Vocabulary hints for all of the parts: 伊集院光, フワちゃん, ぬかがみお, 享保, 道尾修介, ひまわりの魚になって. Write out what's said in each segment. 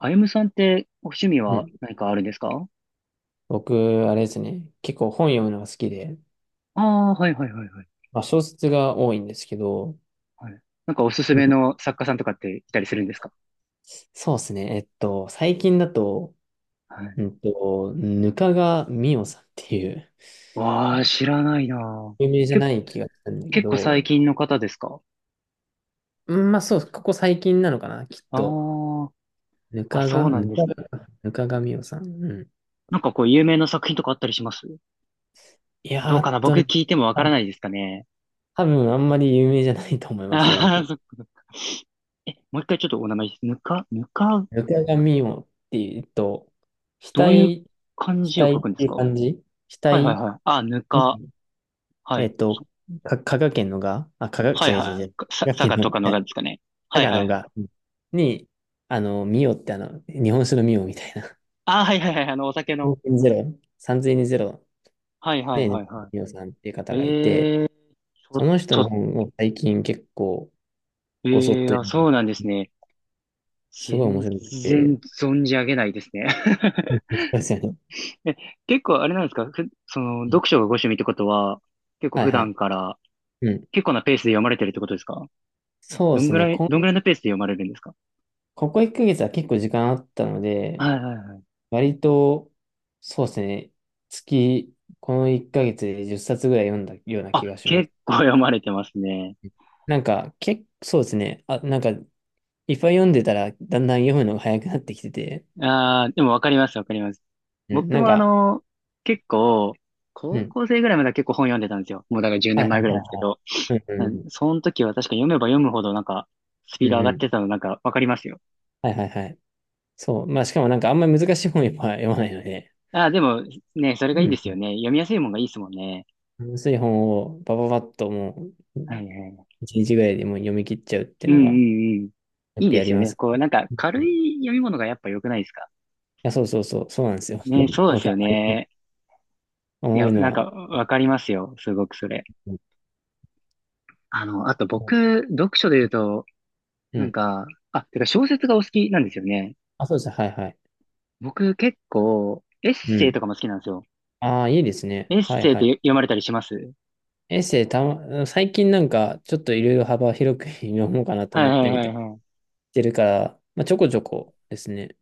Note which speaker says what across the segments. Speaker 1: あゆむさんってお趣味
Speaker 2: う
Speaker 1: は
Speaker 2: ん。
Speaker 1: 何かあるんですか？
Speaker 2: 僕、あれですね。結構本読むのが好きで、
Speaker 1: ああー、はいはいはいはい。
Speaker 2: まあ小説が多いんですけど、
Speaker 1: はい。なんかおすす
Speaker 2: うん、
Speaker 1: めの作家さんとかっていたりするんですか？
Speaker 2: そうですね。最近だと、
Speaker 1: はい。
Speaker 2: ぬかがみおさんっていう、
Speaker 1: わあ、知らないなぁ。
Speaker 2: 有名じゃ
Speaker 1: け、
Speaker 2: ない気がしたんだけ
Speaker 1: 結構最
Speaker 2: ど、
Speaker 1: 近の方ですか？
Speaker 2: うん、まあそう、ここ最近なのかな、きっ
Speaker 1: あ
Speaker 2: と。ぬ
Speaker 1: あ、あ、
Speaker 2: か
Speaker 1: そう
Speaker 2: が、
Speaker 1: な
Speaker 2: ぬ
Speaker 1: んで
Speaker 2: か
Speaker 1: すね。
Speaker 2: ぬかがみおさん。うん。
Speaker 1: なんかこう有名な作品とかあったりします？
Speaker 2: いや
Speaker 1: どう
Speaker 2: ー
Speaker 1: か
Speaker 2: っ
Speaker 1: な、
Speaker 2: と
Speaker 1: 僕
Speaker 2: ね、
Speaker 1: 聞いてもわから
Speaker 2: あ、
Speaker 1: ないですかね。
Speaker 2: 多分あんまり有名じゃないと思います、正
Speaker 1: ああ、
Speaker 2: 直。
Speaker 1: そっかそっか。え、もう一回ちょっとお名前です。ぬか、ぬか、
Speaker 2: ぬかがみおっていうと、
Speaker 1: どういう
Speaker 2: 額
Speaker 1: 漢字を
Speaker 2: 待
Speaker 1: 書
Speaker 2: っ
Speaker 1: くんです
Speaker 2: ていう
Speaker 1: か？は
Speaker 2: 感じ、期、
Speaker 1: いはいはい。あ、ぬ
Speaker 2: う
Speaker 1: か。
Speaker 2: ん、
Speaker 1: は
Speaker 2: え
Speaker 1: い。
Speaker 2: っと、香川県のが、あ、香川、違
Speaker 1: はい
Speaker 2: う違う違
Speaker 1: は
Speaker 2: う。
Speaker 1: い。
Speaker 2: 香川
Speaker 1: 佐
Speaker 2: 県
Speaker 1: 賀
Speaker 2: の、
Speaker 1: と
Speaker 2: い
Speaker 1: かの
Speaker 2: や
Speaker 1: がですかね。
Speaker 2: 香
Speaker 1: はい
Speaker 2: 川
Speaker 1: はい
Speaker 2: の
Speaker 1: はい。
Speaker 2: が、うん、に、あの、ミオってあの、日本酒のミオみたいな。
Speaker 1: あ、はいはいはい、あの、お酒の。
Speaker 2: 3にゼ0
Speaker 1: はいはい
Speaker 2: で、
Speaker 1: はいは
Speaker 2: ミオさんっていう
Speaker 1: い。
Speaker 2: 方がいて、
Speaker 1: ええー、ちょっ
Speaker 2: その人の
Speaker 1: と、
Speaker 2: 本を最近結構ごそっ
Speaker 1: ええ
Speaker 2: と
Speaker 1: あ、
Speaker 2: 読ん
Speaker 1: そうなん
Speaker 2: で
Speaker 1: ですね。
Speaker 2: すごい面
Speaker 1: 全
Speaker 2: 白くて。
Speaker 1: 然存じ上げないですね。
Speaker 2: うん、 そうですよね。
Speaker 1: え、結構あれなんですか？その、
Speaker 2: うん、
Speaker 1: 読書がご趣味ってことは、結構
Speaker 2: はい
Speaker 1: 普
Speaker 2: はい。
Speaker 1: 段から、
Speaker 2: うん。
Speaker 1: 結構なペースで読まれてるってことですか？
Speaker 2: そう
Speaker 1: ど
Speaker 2: で
Speaker 1: ん
Speaker 2: す
Speaker 1: ぐ
Speaker 2: ね。
Speaker 1: らい、どんぐらいのペースで読まれるんですか？
Speaker 2: ここ1ヶ月は結構時間あったので、
Speaker 1: はいはいはい。
Speaker 2: 割と、そうですね。月、この1ヶ月で10冊ぐらい読んだような
Speaker 1: あ、
Speaker 2: 気がします。
Speaker 1: 結構読まれてますね。
Speaker 2: なんか、結構そうですね。あ、なんか、いっぱい読んでたら、だんだん読むのが早くなってきてて、
Speaker 1: ああ、でもわかりますわかります。
Speaker 2: うん、
Speaker 1: 僕
Speaker 2: なん
Speaker 1: もあ
Speaker 2: か、
Speaker 1: の、結構、
Speaker 2: う
Speaker 1: 高
Speaker 2: ん。
Speaker 1: 校生ぐらいまでは結構本読んでたんですよ。もうだから10
Speaker 2: はい
Speaker 1: 年
Speaker 2: はい
Speaker 1: 前ぐら
Speaker 2: は
Speaker 1: い
Speaker 2: い
Speaker 1: ですけ
Speaker 2: は
Speaker 1: ど。
Speaker 2: い。うん
Speaker 1: う
Speaker 2: うん
Speaker 1: ん、
Speaker 2: うん。
Speaker 1: その時は確か読めば読むほどなんか、スピ
Speaker 2: う
Speaker 1: ード
Speaker 2: ん
Speaker 1: 上が
Speaker 2: う
Speaker 1: っ
Speaker 2: ん。
Speaker 1: てたのなんかわかりますよ。
Speaker 2: はいはいはい。そう。まあ、しかもなんか、あんまり難しい本やっぱ読まないので、
Speaker 1: ああ、でも、ね、それが
Speaker 2: う
Speaker 1: いいで
Speaker 2: ん、
Speaker 1: すよね。読みやすいもんがいいですもんね。
Speaker 2: ん、薄い本を、バババッともう、
Speaker 1: はいはい。
Speaker 2: 1日ぐらいでもう読み切っちゃうって
Speaker 1: う
Speaker 2: い
Speaker 1: ん
Speaker 2: う
Speaker 1: う
Speaker 2: の
Speaker 1: ん
Speaker 2: が、
Speaker 1: うん。
Speaker 2: よ
Speaker 1: いい
Speaker 2: く
Speaker 1: で
Speaker 2: や
Speaker 1: す
Speaker 2: り
Speaker 1: よ
Speaker 2: ま
Speaker 1: ね。
Speaker 2: す。
Speaker 1: こ
Speaker 2: い
Speaker 1: う、なんか軽い読み物がやっぱ良くないですか？
Speaker 2: や、そうそうそう、そうなんですよ。
Speaker 1: ね、そうです
Speaker 2: 僕は。
Speaker 1: よね。い
Speaker 2: 思
Speaker 1: や、
Speaker 2: うの
Speaker 1: なん
Speaker 2: は、
Speaker 1: かわかりますよ。すごくそれ。
Speaker 2: うん。
Speaker 1: あの、あと僕、読書で言うと、
Speaker 2: う
Speaker 1: なん
Speaker 2: ん、
Speaker 1: か、あ、てか小説がお好きなんですよね。
Speaker 2: あ、そうです。はいはい。
Speaker 1: 僕結構、エッ
Speaker 2: う
Speaker 1: セイ
Speaker 2: ん。
Speaker 1: とかも好きなんですよ。
Speaker 2: ああ、いいですね。
Speaker 1: エッ
Speaker 2: はい
Speaker 1: セイっ
Speaker 2: は
Speaker 1: て
Speaker 2: い。
Speaker 1: 読まれたりします？
Speaker 2: エッセイたま、最近なんか、ちょっといろいろ幅広く 読もうかなと
Speaker 1: はい
Speaker 2: 思っ
Speaker 1: は
Speaker 2: て
Speaker 1: い
Speaker 2: み
Speaker 1: は
Speaker 2: た
Speaker 1: い
Speaker 2: り
Speaker 1: はい。
Speaker 2: してるから、まあ、ちょこちょこですね。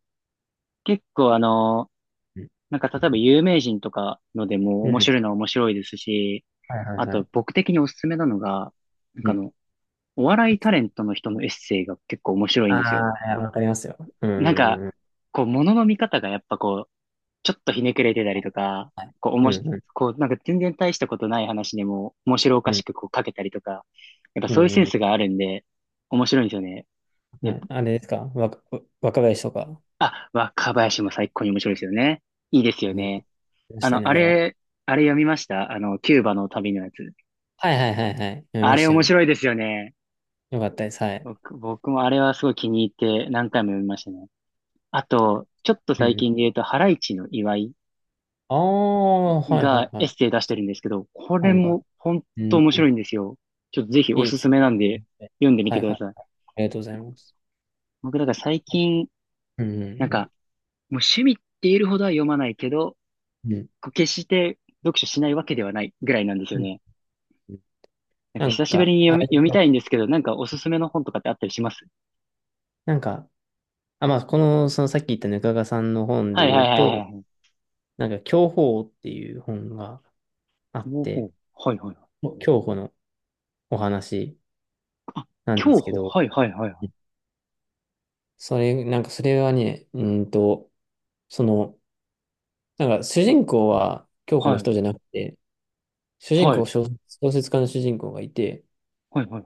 Speaker 1: 結構あの、
Speaker 2: うん。
Speaker 1: なんか例えば有名人とかのでも
Speaker 2: う
Speaker 1: 面
Speaker 2: ん、
Speaker 1: 白いのは面白いですし、
Speaker 2: はいはい
Speaker 1: あ
Speaker 2: は
Speaker 1: と
Speaker 2: い。
Speaker 1: 僕的におすすめなのが、なん
Speaker 2: う
Speaker 1: かあ
Speaker 2: ん。
Speaker 1: の、お笑いタレントの人のエッセイが結構面白いんですよ。
Speaker 2: ああ、いやわかりますよ。う
Speaker 1: なんか、
Speaker 2: ん。は
Speaker 1: こう、ものの見方がやっぱこう、ちょっとひねくれてたりとか、
Speaker 2: い、
Speaker 1: こう、お
Speaker 2: う
Speaker 1: もし、
Speaker 2: んうん
Speaker 1: こう、なんか全然大したことない話でも面白お
Speaker 2: う
Speaker 1: かし
Speaker 2: ん。
Speaker 1: くこう書けたりとか、やっぱ
Speaker 2: う
Speaker 1: そういうセン
Speaker 2: んう
Speaker 1: スがあるんで、面白いんですよね。
Speaker 2: ん。
Speaker 1: で、
Speaker 2: はい、あれですか、わか、若林とか。
Speaker 1: あ、若林も最高に面白いですよね。いいですよ
Speaker 2: うん。
Speaker 1: ね。
Speaker 2: 見まし
Speaker 1: あ
Speaker 2: た
Speaker 1: の、
Speaker 2: ね、あ
Speaker 1: あ
Speaker 2: れは。
Speaker 1: れ、あれ読みました？あの、キューバの旅のやつ。
Speaker 2: はいはいはいはい。読み
Speaker 1: あ
Speaker 2: ま
Speaker 1: れ
Speaker 2: した
Speaker 1: 面
Speaker 2: よ。
Speaker 1: 白いですよね。
Speaker 2: よかったです。はい。
Speaker 1: 僕もあれはすごい気に入って何回も読みましたね。あと、ちょっと
Speaker 2: う
Speaker 1: 最
Speaker 2: ん。
Speaker 1: 近で言うと、ハライチの岩井
Speaker 2: ああ、はいは
Speaker 1: が
Speaker 2: いは
Speaker 1: エッ
Speaker 2: い。
Speaker 1: セイ出してるんですけど、こ
Speaker 2: う
Speaker 1: れ
Speaker 2: なんだ。
Speaker 1: も本
Speaker 2: う
Speaker 1: 当
Speaker 2: ん。
Speaker 1: 面白いんですよ。ちょっとぜひお
Speaker 2: いい
Speaker 1: す
Speaker 2: で
Speaker 1: す
Speaker 2: す
Speaker 1: めなんで
Speaker 2: ね。
Speaker 1: 読んでみ
Speaker 2: は
Speaker 1: て
Speaker 2: い
Speaker 1: く
Speaker 2: は
Speaker 1: だ
Speaker 2: い。
Speaker 1: さ
Speaker 2: あ
Speaker 1: い。
Speaker 2: りがとうございます。
Speaker 1: 僕だから最近、
Speaker 2: うん。
Speaker 1: なん
Speaker 2: う
Speaker 1: か、
Speaker 2: ん。
Speaker 1: もう趣味って言えるほどは読まないけど、
Speaker 2: うん
Speaker 1: こう決して読書しないわけではないぐらいなんですよ
Speaker 2: うん
Speaker 1: ね。
Speaker 2: うん、
Speaker 1: なんか
Speaker 2: なん
Speaker 1: 久しぶり
Speaker 2: か、
Speaker 1: に
Speaker 2: あれ、
Speaker 1: 読みたいんですけど、なんかおすすめの本とかってあったりします？
Speaker 2: なんか、あ、まあ、この、そのさっき言ったぬかがさんの本
Speaker 1: は
Speaker 2: で
Speaker 1: い
Speaker 2: 言
Speaker 1: は
Speaker 2: う
Speaker 1: いはいは
Speaker 2: と、
Speaker 1: いは、
Speaker 2: なんか、享保っていう本があっ
Speaker 1: 東
Speaker 2: て、
Speaker 1: 方はいはい。
Speaker 2: 享保のお話なんで
Speaker 1: 競
Speaker 2: すけ
Speaker 1: 歩
Speaker 2: ど、
Speaker 1: はいはいはいは
Speaker 2: う
Speaker 1: い。
Speaker 2: ん、それ、なんか、それはね、うーんと、その、なんか、主人公は享保
Speaker 1: は
Speaker 2: の
Speaker 1: い。
Speaker 2: 人じゃなくて、主人公、
Speaker 1: は
Speaker 2: 小小説家の主人公がいて、
Speaker 1: いはいは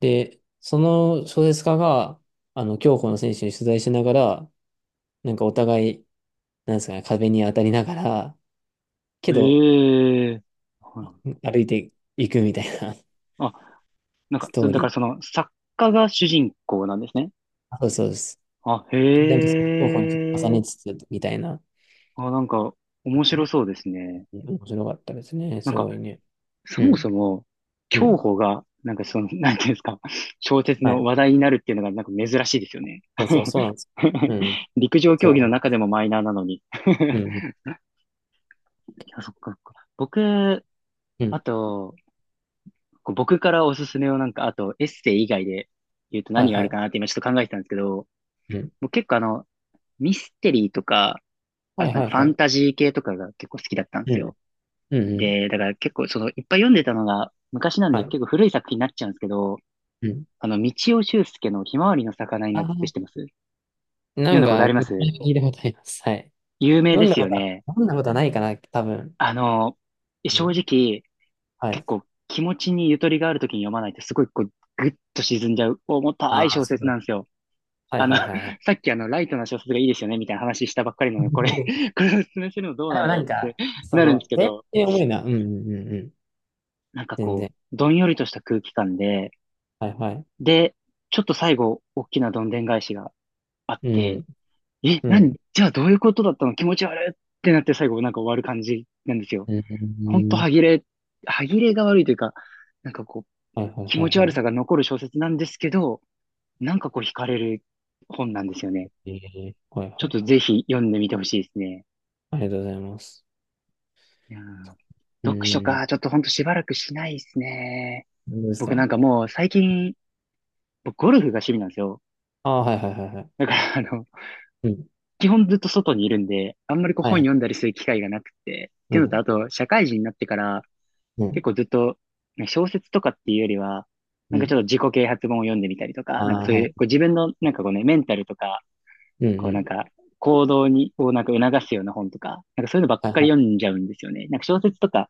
Speaker 2: で、その小説家が、あの、競歩の選手に取材しながら、なんかお互い、なんですかね、壁に当たりながら、け
Speaker 1: い。
Speaker 2: ど、
Speaker 1: ええ、はい。
Speaker 2: 歩いていくみたいな
Speaker 1: あ、なんか、
Speaker 2: ス
Speaker 1: そ
Speaker 2: トー
Speaker 1: だか
Speaker 2: リ
Speaker 1: らそ
Speaker 2: ー。
Speaker 1: の、作家が主人公なんですね。
Speaker 2: あ、そうですそうです。
Speaker 1: あ、へ
Speaker 2: でなんかその競歩にちょっと重ね
Speaker 1: え。
Speaker 2: つつ、みたいな。
Speaker 1: あ、なんか、面白そうですね。
Speaker 2: 面白かったですね。
Speaker 1: なん
Speaker 2: す
Speaker 1: か、
Speaker 2: ごいね。
Speaker 1: そ
Speaker 2: う
Speaker 1: も
Speaker 2: ん。
Speaker 1: そも、
Speaker 2: う
Speaker 1: 競
Speaker 2: ん。
Speaker 1: 歩が、なんかその、なんていうんですか、小説
Speaker 2: は
Speaker 1: の
Speaker 2: い。
Speaker 1: 話題になるっていうのが、なんか珍しいですよね。
Speaker 2: そうそう、そうなん です。うん。
Speaker 1: 陸上競技の
Speaker 2: そ
Speaker 1: 中でもマイナーなのに。
Speaker 2: う。うん。
Speaker 1: いや、そっかそっか。僕、
Speaker 2: う
Speaker 1: あ
Speaker 2: ん。
Speaker 1: と、こう僕からおすすめをなんか、あとエッセイ以外で言うと
Speaker 2: はい
Speaker 1: 何があ
Speaker 2: は
Speaker 1: るか
Speaker 2: い。
Speaker 1: なって今ちょっと考えてたんですけど、
Speaker 2: うん。
Speaker 1: 僕結構あの、ミステリーとか、
Speaker 2: は
Speaker 1: あ、
Speaker 2: い
Speaker 1: なん
Speaker 2: は
Speaker 1: か
Speaker 2: い
Speaker 1: ファ
Speaker 2: はい。
Speaker 1: ンタジー系とかが結構好きだったんで
Speaker 2: う
Speaker 1: す
Speaker 2: ん。
Speaker 1: よ。
Speaker 2: うんうん。
Speaker 1: で、だから結構その、いっぱい読んでたのが昔なん
Speaker 2: は
Speaker 1: で
Speaker 2: い。
Speaker 1: 結構古い作品になっちゃうんですけど、
Speaker 2: うん。
Speaker 1: あの、道尾修介のひまわりの魚に
Speaker 2: あ
Speaker 1: なっ
Speaker 2: あ、
Speaker 1: てって知ってます？
Speaker 2: な
Speaker 1: 読ん
Speaker 2: ん
Speaker 1: だこと
Speaker 2: か、
Speaker 1: あ
Speaker 2: 聞
Speaker 1: ります？
Speaker 2: いたことあります。はい。
Speaker 1: 有名ですよね。
Speaker 2: 読んだことはないかな、多分。
Speaker 1: あの、
Speaker 2: う
Speaker 1: 正
Speaker 2: ん。
Speaker 1: 直、
Speaker 2: は
Speaker 1: 結
Speaker 2: い。
Speaker 1: 構気持ちにゆとりがあるときに読まないとすごいこう、ぐっと沈んじゃう重たい
Speaker 2: ああ、
Speaker 1: 小
Speaker 2: そ
Speaker 1: 説
Speaker 2: う。
Speaker 1: なんですよ。
Speaker 2: はい
Speaker 1: あの、
Speaker 2: はいはいはい。
Speaker 1: さっきあの、ライトな小説がいいですよね、みたいな話したばっかりなのに、これ、これをお勧めするのどう
Speaker 2: あ、で
Speaker 1: な
Speaker 2: も
Speaker 1: んだ
Speaker 2: な
Speaker 1: よっ
Speaker 2: ん
Speaker 1: て
Speaker 2: か、そ
Speaker 1: なるん
Speaker 2: の、
Speaker 1: ですけ
Speaker 2: テーマっ
Speaker 1: ど、
Speaker 2: て重いな。うんうんうんうん。
Speaker 1: なんか
Speaker 2: 全
Speaker 1: こ
Speaker 2: 然。
Speaker 1: う、どんよりとした空気感で、
Speaker 2: はいはい。
Speaker 1: で、ちょっと最後、大きなどんでん返しがあっ
Speaker 2: う
Speaker 1: て、
Speaker 2: ん。
Speaker 1: え、
Speaker 2: う
Speaker 1: 何
Speaker 2: ん。
Speaker 1: じゃあどういうことだったの気持ち悪いってなって最後なんか終わる感じなんですよ。
Speaker 2: う
Speaker 1: ほん
Speaker 2: ん。
Speaker 1: と歯切れ、歯切れが悪いというか、なんかこう、
Speaker 2: はいはい
Speaker 1: 気
Speaker 2: は
Speaker 1: 持
Speaker 2: い
Speaker 1: ち悪さ
Speaker 2: は
Speaker 1: が残る小説なんですけど、なんかこう惹かれる本なんですよね。
Speaker 2: い。ええ、はいは
Speaker 1: ちょっ
Speaker 2: い
Speaker 1: と
Speaker 2: はい。
Speaker 1: ぜひ読んでみてほしいですね。
Speaker 2: ありがとうございます。
Speaker 1: いやー、
Speaker 2: う
Speaker 1: 読書
Speaker 2: ん。
Speaker 1: か、ちょっとほんとしばらくしないですね。
Speaker 2: 何です
Speaker 1: 僕な
Speaker 2: か。
Speaker 1: んかもう最近、僕ゴルフが趣味なんですよ。
Speaker 2: ああー、はいはいはいはい。
Speaker 1: だからあの、
Speaker 2: うん。
Speaker 1: 基本ずっと外にいるんで、あんまりこう
Speaker 2: はい
Speaker 1: 本
Speaker 2: はい。
Speaker 1: 読んだりする機会がなくて、っ
Speaker 2: う
Speaker 1: ていうのと
Speaker 2: ん。
Speaker 1: あと社会人になってから
Speaker 2: う
Speaker 1: 結
Speaker 2: ん。
Speaker 1: 構ずっとね、小説とかっていうよりは、な
Speaker 2: う
Speaker 1: んかち
Speaker 2: ん。
Speaker 1: ょっと自己啓発本を読んでみたりとか、なんか
Speaker 2: ああ、
Speaker 1: そう
Speaker 2: は
Speaker 1: い
Speaker 2: い。
Speaker 1: う、こう自分のなんかこうね、メンタルとか、
Speaker 2: うん
Speaker 1: こう
Speaker 2: う
Speaker 1: なん
Speaker 2: ん。
Speaker 1: か行動に、こうなんか促すような本とか、なんかそういうのばっ
Speaker 2: はい
Speaker 1: か
Speaker 2: は
Speaker 1: り読
Speaker 2: い。
Speaker 1: んじゃうんですよね。なんか小説とか、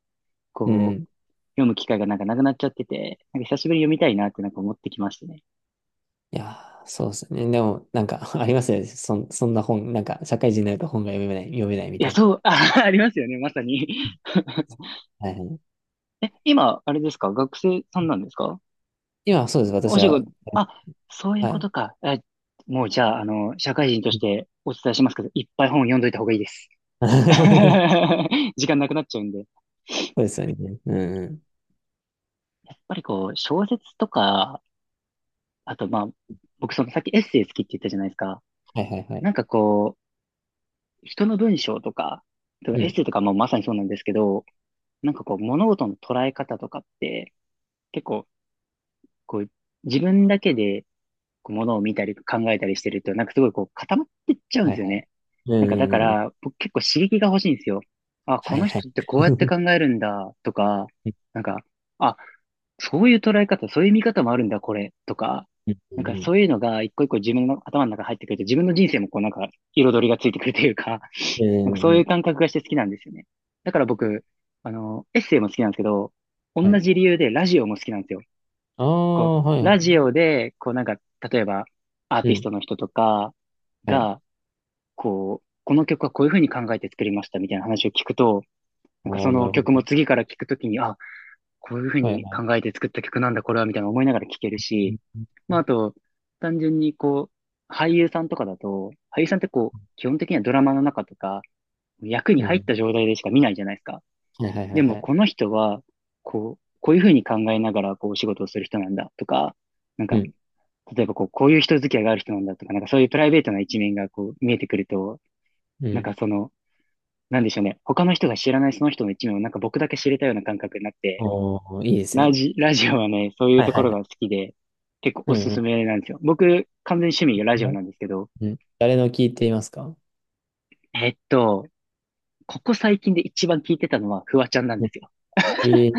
Speaker 2: う
Speaker 1: こう、
Speaker 2: ん。
Speaker 1: 読む機会がなんかなくなっちゃってて、なんか久しぶりに読みたいなってなんか思ってきましたね。
Speaker 2: いやー、そうですね。でも、なんか、ありますよね。そんな本、なんか、社会人になると本が読めないみ
Speaker 1: いや、
Speaker 2: たいな。
Speaker 1: そう、あ、ありますよね、まさに。
Speaker 2: はいはい。
Speaker 1: え、今、あれですか、学生さんなんですか？
Speaker 2: 今はそうです。私
Speaker 1: お仕
Speaker 2: は、
Speaker 1: 事、あ、そういう
Speaker 2: は
Speaker 1: こ
Speaker 2: い。
Speaker 1: とか。え、もうじゃあ、あの、社会人と
Speaker 2: う
Speaker 1: し
Speaker 2: ん。
Speaker 1: てお伝えしますけど、いっぱい本読んどいた方がいいです。時間なくなっちゃうんで。
Speaker 2: そうですよね。うんうん。
Speaker 1: やっぱりこう、小説とか、あとまあ、僕そのさっきエッセイ好きって言ったじゃないですか。
Speaker 2: はいはいはい。
Speaker 1: なんかこう、人の文章とか、
Speaker 2: う
Speaker 1: エッ
Speaker 2: ん。
Speaker 1: セイとかもまさにそうなんですけど、なんかこう、物事の捉え方とかって、結構、こう、自分だけで、こう、物を見たり考えたりしてると、なんかすごいこう、固まってっちゃうん
Speaker 2: は
Speaker 1: です
Speaker 2: い
Speaker 1: よ
Speaker 2: はい。
Speaker 1: ね。
Speaker 2: う
Speaker 1: な
Speaker 2: ん
Speaker 1: んか
Speaker 2: う
Speaker 1: だか
Speaker 2: んうん。
Speaker 1: ら、僕結構刺激が欲しいんですよ。あ、こ
Speaker 2: はい
Speaker 1: の
Speaker 2: はい。
Speaker 1: 人ってこうやって 考えるんだ、とか、なんか、あ、そういう捉え方、そういう見方もあるんだ、これ、とか、
Speaker 2: うん
Speaker 1: なんか
Speaker 2: うん。
Speaker 1: そういうのが一個一個自分の頭の中に入ってくると、自分の人生もこうなんか彩りがついてくるというか、
Speaker 2: う
Speaker 1: なんか
Speaker 2: んう
Speaker 1: そう
Speaker 2: ん
Speaker 1: い
Speaker 2: う
Speaker 1: う
Speaker 2: ん。
Speaker 1: 感覚がして好きなんですよね。だから僕、あの、エッセイも好きなんですけど、
Speaker 2: は
Speaker 1: 同
Speaker 2: い。
Speaker 1: じ理由でラジオも好きなんですよ。
Speaker 2: あ
Speaker 1: こう、
Speaker 2: あ、はいはい。
Speaker 1: ラジオで、こうなんか、例えば、アー
Speaker 2: う
Speaker 1: ティス
Speaker 2: ん。
Speaker 1: トの人とか
Speaker 2: はい。
Speaker 1: が、こう、この曲はこういうふうに考えて作りましたみたいな話を聞くと、なんか
Speaker 2: あ
Speaker 1: そ
Speaker 2: あ、な
Speaker 1: の
Speaker 2: るほ
Speaker 1: 曲も
Speaker 2: ど。
Speaker 1: 次から聞くときに、あ、こういうふう
Speaker 2: はい
Speaker 1: に
Speaker 2: はい。
Speaker 1: 考えて作った曲なんだ、これは、みたいな思いながら聴ける
Speaker 2: う
Speaker 1: し、
Speaker 2: ん
Speaker 1: まああと、単純にこう、俳優さんとかだと、俳優さんってこう、基本的にはドラマの中とか、役に
Speaker 2: う
Speaker 1: 入っ
Speaker 2: ん。
Speaker 1: た状態でしか見ないじゃないですか。
Speaker 2: はいはいは
Speaker 1: で
Speaker 2: い
Speaker 1: も、
Speaker 2: はい。
Speaker 1: この人は、こう、こういうふうに考えながら、こう、お仕事をする人なんだとか、なん
Speaker 2: う
Speaker 1: か、
Speaker 2: ん。
Speaker 1: 例えば、こう、こういう人付き合いがある人なんだとか、なんかそういうプライベートな一面が、こう、見えてくると、
Speaker 2: う
Speaker 1: なん
Speaker 2: ん。
Speaker 1: かその、なんでしょうね。他の人が知らないその人の一面を、なんか僕だけ知れたような感覚になって、
Speaker 2: おー、いいですね。
Speaker 1: ラジオはね、そういう
Speaker 2: はい
Speaker 1: と
Speaker 2: は
Speaker 1: こ
Speaker 2: い
Speaker 1: ろ
Speaker 2: は
Speaker 1: が
Speaker 2: い。
Speaker 1: 好きで、結構
Speaker 2: う
Speaker 1: お
Speaker 2: ん
Speaker 1: す
Speaker 2: う
Speaker 1: す
Speaker 2: ん。
Speaker 1: めなんですよ。僕、完全に趣味がラジオなんですけど、
Speaker 2: うん。誰の聞いていますか。
Speaker 1: えっと、ここ最近で一番聞いてたのは、フワちゃんなん
Speaker 2: う
Speaker 1: で
Speaker 2: ん。
Speaker 1: すよ。
Speaker 2: えー、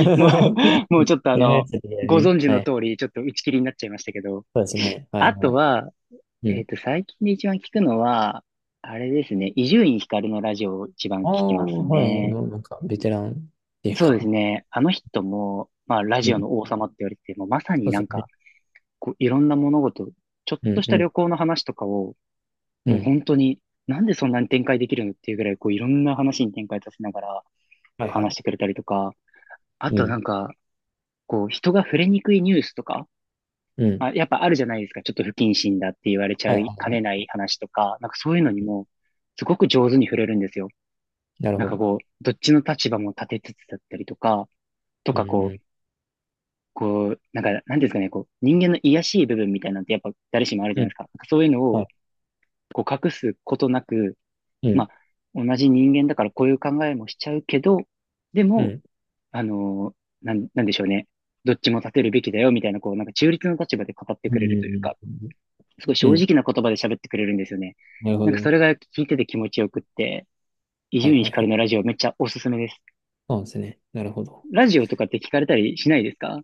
Speaker 1: も う、もうちょっと
Speaker 2: やめやつだ
Speaker 1: ご
Speaker 2: ね。
Speaker 1: 存知
Speaker 2: は
Speaker 1: の
Speaker 2: い。
Speaker 1: 通り、ちょっと打ち切りになっちゃいましたけど、
Speaker 2: そうですね。は
Speaker 1: あ
Speaker 2: いは
Speaker 1: と
Speaker 2: い。
Speaker 1: は、
Speaker 2: うん。
Speaker 1: 最近で一番聞くのは、あれですね、伊集院光のラジオを一番聞
Speaker 2: ああ、
Speaker 1: きます
Speaker 2: はい。
Speaker 1: ね。
Speaker 2: もうなんか、ベテランっていう
Speaker 1: そうです
Speaker 2: か、
Speaker 1: ね、あの人も、まあ、ラ
Speaker 2: う
Speaker 1: ジオ
Speaker 2: ん。
Speaker 1: の王様って言われてて、もうまさに
Speaker 2: そう
Speaker 1: な
Speaker 2: です
Speaker 1: んか、
Speaker 2: ね。
Speaker 1: こう、いろんな物事、ちょっ
Speaker 2: う
Speaker 1: と
Speaker 2: ん
Speaker 1: し
Speaker 2: う
Speaker 1: た
Speaker 2: ん
Speaker 1: 旅行の話とかを、
Speaker 2: う
Speaker 1: もう
Speaker 2: ん。
Speaker 1: 本当に、なんでそんなに展開できるのっていうぐらい、こう、いろんな話に展開させながら
Speaker 2: はいは
Speaker 1: 話
Speaker 2: い。
Speaker 1: してくれたりとか、あ
Speaker 2: う
Speaker 1: とな
Speaker 2: ん。
Speaker 1: んか、こう、人が触れにくいニュースとか、
Speaker 2: う
Speaker 1: ま
Speaker 2: ん。
Speaker 1: あ、やっぱあるじゃないですか。ちょっと不謹慎だって言われち
Speaker 2: は
Speaker 1: ゃ
Speaker 2: いは
Speaker 1: い
Speaker 2: い
Speaker 1: か
Speaker 2: はい。
Speaker 1: ねない話とか、なんかそういうのに
Speaker 2: うん、
Speaker 1: も、すごく上手に触れるんですよ。
Speaker 2: なる
Speaker 1: なん
Speaker 2: ほ
Speaker 1: か
Speaker 2: ど。
Speaker 1: こう、どっちの立場も立てつつだったりとか、と
Speaker 2: う
Speaker 1: か
Speaker 2: ん
Speaker 1: こう、
Speaker 2: う
Speaker 1: こう、なんか、なんていうんですかね、こう、人間の卑しい部分みたいなんてやっぱ誰しもあるじ
Speaker 2: ん。
Speaker 1: ゃ
Speaker 2: う
Speaker 1: ないで
Speaker 2: ん。
Speaker 1: すか。なんかそういうの
Speaker 2: は
Speaker 1: を、
Speaker 2: い。
Speaker 1: こう、隠すことなく、
Speaker 2: う
Speaker 1: ま
Speaker 2: ん。
Speaker 1: あ、同じ人間だからこういう考えもしちゃうけど、で
Speaker 2: う
Speaker 1: も、
Speaker 2: ん。
Speaker 1: あのなんでしょうね。どっちも立てるべきだよ、みたいな、こう、なんか中立の立場で語って
Speaker 2: う
Speaker 1: くれ
Speaker 2: ん
Speaker 1: るという
Speaker 2: う
Speaker 1: か、
Speaker 2: ん
Speaker 1: すごい
Speaker 2: うん。
Speaker 1: 正
Speaker 2: うん。
Speaker 1: 直な言葉で喋ってくれるんですよね。
Speaker 2: なるほ
Speaker 1: なんかそ
Speaker 2: ど。
Speaker 1: れが聞いてて気持ちよくって、伊
Speaker 2: はい
Speaker 1: 集院
Speaker 2: はいは
Speaker 1: 光
Speaker 2: い。
Speaker 1: のラジオめっちゃおすすめです。
Speaker 2: そうですね。なるほど。
Speaker 1: ラジオとかって聞かれたりしないですか？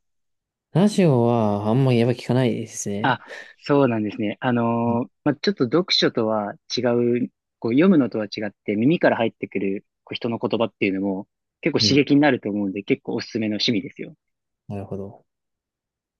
Speaker 2: ラジオはあんまりやっぱ聞かないですね。
Speaker 1: あ、そうなんですね。
Speaker 2: うん。
Speaker 1: まあ、ちょっと読書とは違う、こう読むのとは違って耳から入ってくるこう人の言葉っていうのも結構
Speaker 2: う
Speaker 1: 刺
Speaker 2: ん。
Speaker 1: 激になると思うんで結構おすすめの趣味ですよ。
Speaker 2: なるほど。